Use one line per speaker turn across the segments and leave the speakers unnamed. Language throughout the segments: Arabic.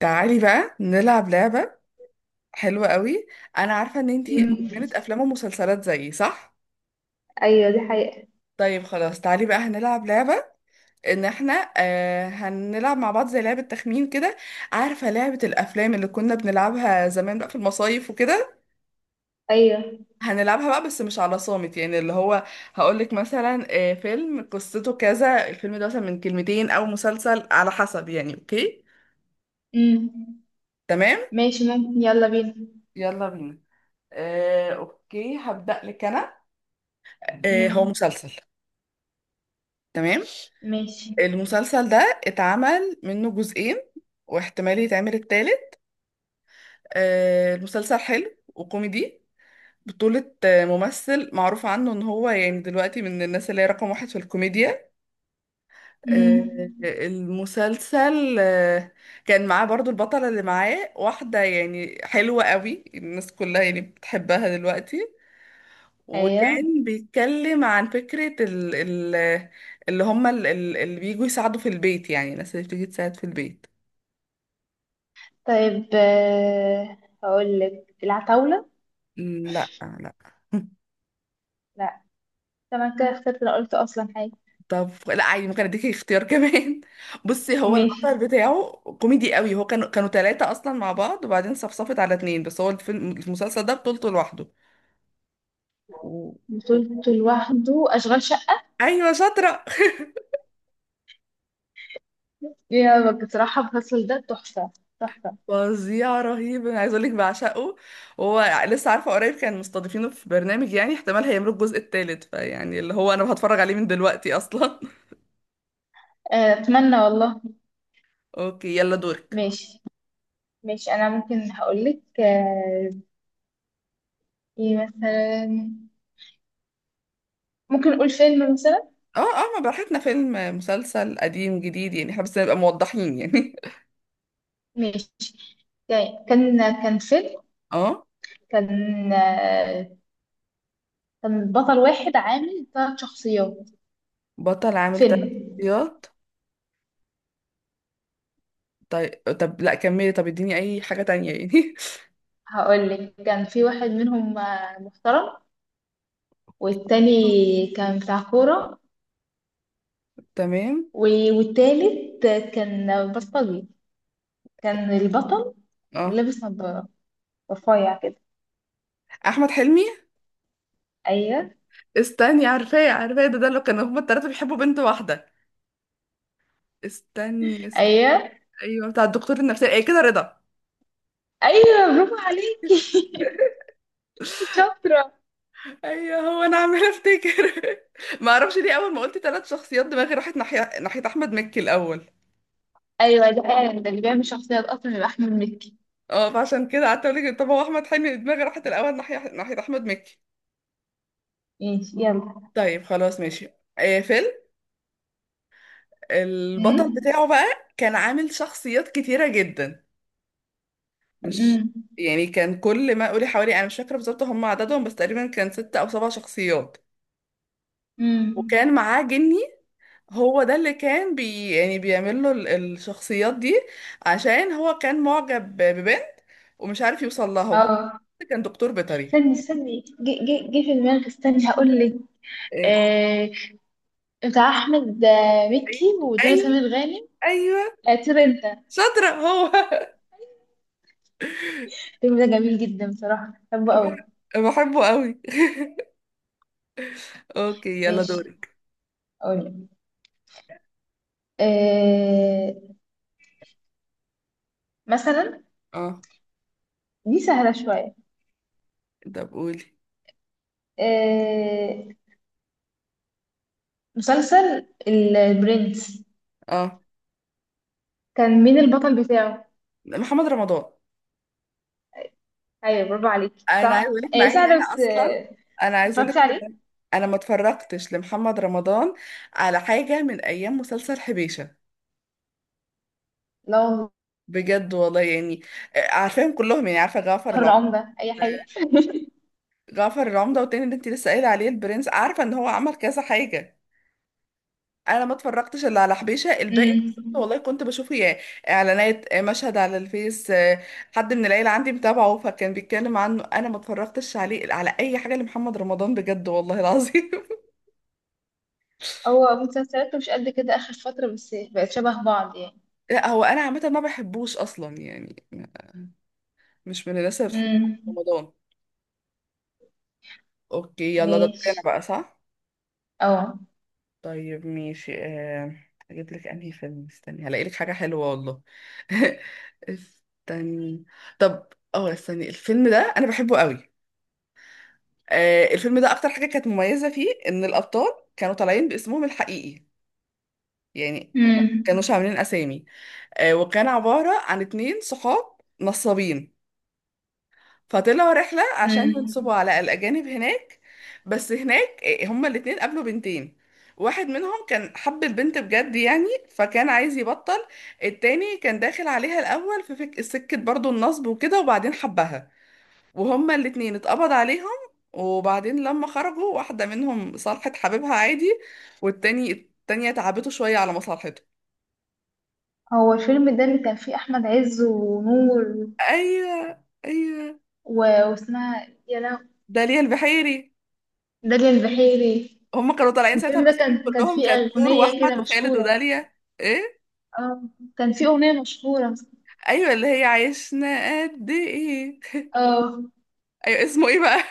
تعالي بقى نلعب لعبة حلوة قوي. أنا عارفة إن أنتي
امم.
مدمنة أفلام ومسلسلات زيي، صح؟
ايوه، دي حقيقة.
طيب خلاص، تعالي بقى هنلعب لعبة إن احنا هنلعب مع بعض زي لعبة تخمين كده. عارفة لعبة الأفلام اللي كنا بنلعبها زمان بقى في المصايف وكده؟
ايوه.
هنلعبها بقى بس مش على صامت، يعني اللي هو هقولك مثلا فيلم قصته كذا، الفيلم ده مثلا من كلمتين أو مسلسل على حسب يعني، أوكي؟
امم.
تمام؟
ماشي، ممكن، يلا بينا.
يلا بينا. اوكي هبدأ لك انا. هو
امم.
مسلسل. تمام.
ماشي.
المسلسل ده اتعمل منه جزئين واحتمال يتعمل التالت. المسلسل حلو وكوميدي، بطولة ممثل معروف عنه ان هو يعني دلوقتي من الناس اللي هي رقم واحد في الكوميديا.
امم.
آه، المسلسل آه، كان معاه برضو البطلة اللي معاه، واحدة يعني حلوة قوي، الناس كلها يعني بتحبها دلوقتي.
ايوه.
وكان بيتكلم عن فكرة ال اللي هم اللي بيجوا يساعدوا في البيت، يعني الناس اللي بتيجي تساعد في البيت.
طيب، هقول لك العتاولة.
لا لا.
لا. طبعا كده اخترت لو قلت اصلا حاجة.
طب لا عادي، ممكن اديكي اختيار كمان. بصي، هو البطل
ماشي.
بتاعه كوميدي قوي، هو كانوا ثلاثة اصلا مع بعض وبعدين صفصفت على اتنين، بس هو الفيلم المسلسل ده بطولته لوحده و... و-
بطولته لوحده، اشغال شقة.
ايوه شاطرة.
يا بصراحة، الفصل ده تحفة. تحفة.
فظيع، رهيب، انا عايز اقول لك بعشقه. هو لسه عارفة قريب كان مستضيفينه في برنامج، يعني احتمال هيعملوا الجزء الثالث، فيعني اللي هو انا هتفرج عليه من دلوقتي اصلا.
اتمنى والله.
اوكي يلا دورك.
ماشي. ماشي، انا ممكن هقول لك. ايه مثلا؟ ممكن نقول فيلم مثلا.
اه اه، ما براحتنا، فيلم مسلسل قديم جديد يعني، احنا بس نبقى موضحين يعني.
ماشي. يعني كان، كان فيلم.
اه.
كان، آه، كان بطل واحد عامل ثلاث شخصيات.
بطل عامل تلات
فيلم.
شخصيات. طيب طب لا كملي، طب اديني اي حاجة تانية يعني.
هقول لك كان في واحد منهم محترم. والتاني كان بتاع كورة.
تمام.
والتالت كان بلطجي. كان البطل
اه،
لابس نظارة، رفيع كده.
احمد حلمي.
ايوه،
استني، عارفاه عارفاه، ده ده اللي كانوا هما التلاتة بيحبوا بنت واحدة. استني استني.
ايوه،
ايوه، بتاع الدكتور النفسي، ايه كده، رضا.
ايوه، برافو عليكي. شاطرة.
ايوه، هو انا عمالة افتكر. ما اعرفش ليه اول ما قلت تلات شخصيات دماغي راحت ناحية، ناحية احمد مكي الاول.
ايوه، ده فعلا، ده اللي بيعمل شخصيات اصلا يبقى احمد مكي.
اه فعشان كده قعدت اقول لك طب هو احمد حلمي، دماغي راحت الاول ناحية، ناحية احمد مكي.
ماشي، يلا.
طيب خلاص ماشي. آه فيلم، البطل بتاعه بقى كان عامل شخصيات كتيرة جدا. مش
امم.
يعني، كان كل ما قولي حوالي، انا مش فاكرة بالظبط هم عددهم بس تقريبا كان ست او سبع شخصيات. وكان
امم.
معاه جني، هو ده اللي كان يعني بيعمل له الشخصيات دي، عشان هو كان معجب ببنت ومش عارف يوصل لها، وهو
اه.
كان دكتور بيطري.
استني، استني، جه، جه، جه في دماغي، استني هقول لك.
إيه،
آه بتاع احمد مكي
ايوه
ودنيا
ايوه
سمير غانم.
ايوه،
طير انت.
شاطرة هو.
الفيلم ده جميل جدا، بصراحه بحبه قوي.
بحبه قوي. اوكي يلا
ماشي.
دورك.
اقول لك آه مثلا.
اه.
دي سهله شويه.
ده بقولي.
آه مسلسل البرنس.
اه.
كان مين البطل بتاعه؟
محمد رمضان.
ايوه، برافو عليك،
انا عايز
صح،
اقول لك مع ان
سهله،
انا
بس
اصلا،
آه،
انا عايز اقول لك
اتفرجتي عليه؟
ان انا ما اتفرجتش لمحمد رمضان على حاجه من ايام مسلسل حبيشه،
لو.
بجد والله يعني. عارفاهم كلهم، يعني عارفه جعفر العمدة،
العمدة، اي حاجه.
جعفر العمدة، والتاني اللي انت لسه قايله عليه البرنس، عارفه ان هو عمل كذا حاجه، انا ما اتفرجتش الا على حبيشه. الباقي
امم.
والله كنت بشوفه يعني اعلانات، مشهد على الفيس، حد من العيله عندي متابعه فكان بيتكلم عنه، انا ما اتفرجتش عليه على اي حاجه لمحمد رمضان بجد والله العظيم.
هو مسلسلاته مش قد كده آخر فترة، بس بقت شبه بعض يعني.
لا هو انا عامه ما بحبوش اصلا يعني، مش من الناس اللي بتحب
امم.
رمضان. اوكي يلا ده دوري
ماشي.
انا بقى، صح؟
اه.
طيب ماشي. اجيب لك انهي فيلم، استني هلاقي لك حاجه حلوه والله. استني. طب اه استني، الفيلم ده انا بحبه قوي. الفيلم ده اكتر حاجه كانت مميزه فيه ان الابطال كانوا طالعين باسمهم الحقيقي، يعني ما
امم.
كانوش عاملين اسامي. وكان عباره عن اتنين صحاب نصابين، فطلعوا رحلة عشان ينصبوا
امم.
على الأجانب هناك. بس هناك هما الاتنين قابلوا بنتين، واحد منهم كان حب البنت بجد يعني فكان عايز يبطل، التاني كان داخل عليها الأول في سكة برضو النصب وكده وبعدين حبها. وهما الاتنين اتقبض عليهم، وبعدين لما خرجوا واحدة منهم صالحت حبيبها عادي، والتاني التانية تعبته شوية على مصالحته.
هو الفيلم ده اللي كان فيه أحمد عز ونور
أيوه أيوه.
و... واسمها، يا لهو.
داليا البحيري.
داليا البحيري.
هم كانوا طالعين ساعتها
الفيلم ده
مقسمين
كان
كلهم،
فيه
كانت نور
أغنية كده
واحمد وخالد
مشهورة.
وداليا. ايه.
اه. كان فيه أغنية مشهورة.
ايوه اللي هي عشنا قد ايه.
اه.
ايوه اسمه ايه بقى؟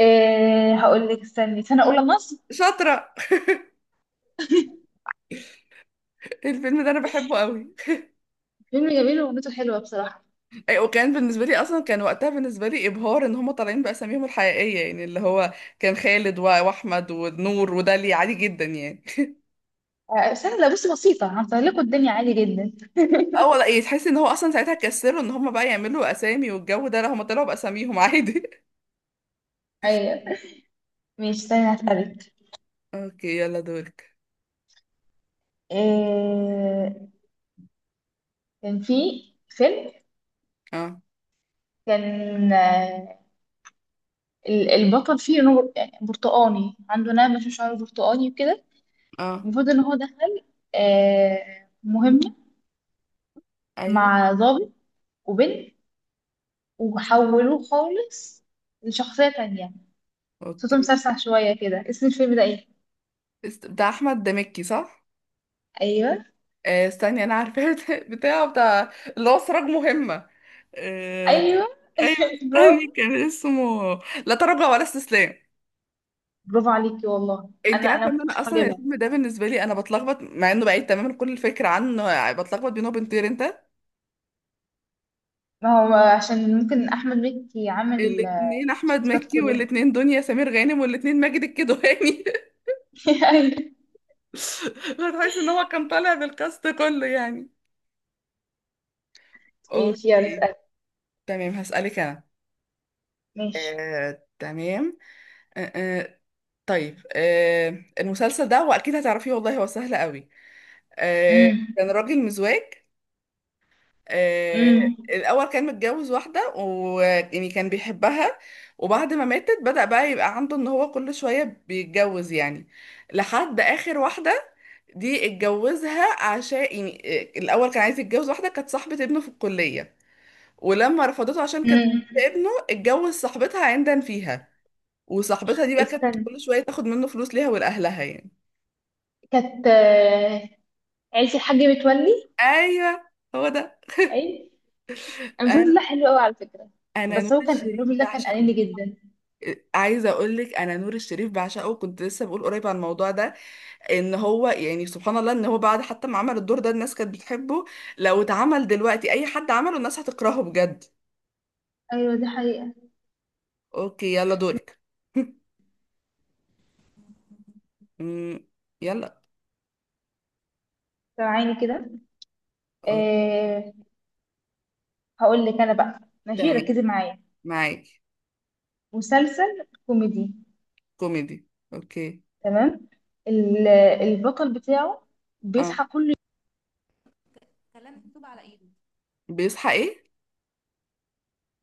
إيه، هقول لك، استني، سنة أولى مصر.
شاطره، الفيلم ده انا بحبه قوي.
فيلم جميل وأغنيته حلوة بصراحة.
ايوه، وكان بالنسبه لي اصلا، كان وقتها بالنسبه لي ابهار ان هم طالعين باساميهم الحقيقيه، يعني اللي هو كان خالد واحمد ونور وداليا، عادي جدا يعني.
سنة، لا بصي، بسيطة، هنسهل لكم الدنيا عادي جدا.
اه ولا ايه، تحس ان هو اصلا ساعتها كسروا ان هم بقى يعملوا اسامي والجو ده، لا هم طلعوا باساميهم عادي.
أيوة. مش، استني، هسألك.
اوكي يلا دورك.
آه، كان في فيلم.
اه
كان، البطل فيه نور يعني برتقاني، عنده نعمة في شعره برتقاني وكده.
اه
المفروض ان هو دخل مهمة
ايوه
مع ضابط وبنت، وحولوه خالص لشخصية تانية. صوته
اوكي.
مسرسع شوية كده، اسم الفيلم ده ايه؟
بتاع احمد دمكي صح؟
ايوه.
آه استني انا عارفاه. بتاع اللي هو سراج مهمة. آه.
ايوه،
ايوه
برافو.
استني، كان اسمه لا تراجع ولا استسلام.
برافو عليكي والله.
انت
انا
عارفه
ما
ان انا
كنتش
اصلا
هجيبها.
الفيلم ده بالنسبه لي انا بتلخبط، مع انه بعيد تماما كل الفكره عنه، يعني بتلخبط بينه وبين طير انت.
ما هو عشان ممكن احمد مكي عامل
الاثنين احمد
الشخصيات
مكي،
كلها.
والاثنين دنيا سمير غانم، والاثنين ماجد الكدواني.
أيوة.
هتحس ان هو كان طالع بالكاست كله يعني.
ماشي، يلا
اوكي.
اسأل.
تمام هسألك انا.
ماشي.
آه، تمام آه، آه، طيب آه المسلسل ده واكيد هتعرفيه والله، هو سهل قوي. آه.
امم.
كان راجل مزواج. آه.
امم.
الاول كان متجوز واحده ويعني كان بيحبها، وبعد ما ماتت بدأ بقى يبقى عنده ان هو كل شويه بيتجوز يعني، لحد اخر واحده دي اتجوزها، عشان يعني، الاول كان عايز يتجوز واحده كانت صاحبه ابنه في الكليه، ولما رفضته عشان كانت
امم.
بنت ابنه اتجوز صاحبتها عندا فيها، وصاحبتها دي بقى كانت
استنى.
كل شويه تاخد منه فلوس ليها ولاهلها يعني.
كانت. عيلة الحاج متولي.
ايوه، هو ده.
اي،
انا
المسلسل ده حلو قوي على فكرة.
أنا نور
بس هو كان
الشريف
الراجل ده كان
بعشقه.
قليل جدا.
عايزه اقول لك انا نور الشريف بعشقه، كنت لسه بقول قريب عن الموضوع ده، ان هو يعني سبحان الله ان هو بعد حتى ما عمل الدور ده الناس كانت بتحبه، لو اتعمل دلوقتي اي حد عمله الناس هتكرهه بجد.
ايوه، دي حقيقة.
اوكي يلا دورك. أمم، يلا.
سامعيني كده؟
أوكي.
أه. هقول لك انا بقى. ماشي،
تمام،
ركزي معايا.
معاكي.
مسلسل كوميدي.
كوميدي، اوكي.
تمام. ال- البطل بتاعه
اه.
بيصحى كل يوم.
بيصحى ايه؟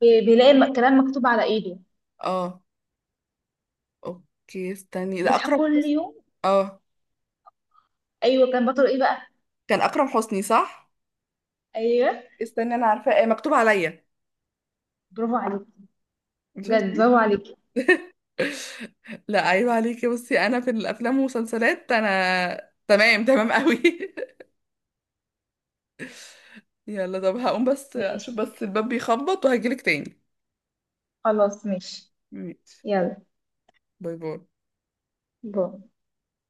بيلاقي كلام مكتوب على ايده.
اه اوكي استني، ده
بيصحى
اكرم
كل
حسني.
يوم.
اه
ايوه، كان بطل ايه بقى؟
كان اكرم حسني صح.
ايوه،
استني انا عارفاه، مكتوب عليا.
برافو عليك. بجد،
شفتي؟
برافو عليك.
لا عيب عليكي، بصي انا في الافلام والمسلسلات انا تمام تمام قوي. يلا طب هقوم بس اشوف
ماشي،
بس الباب بيخبط وهجيلك تاني.
خلاص، ماشي.
ماشي.
يلا.
باي باي.
باي.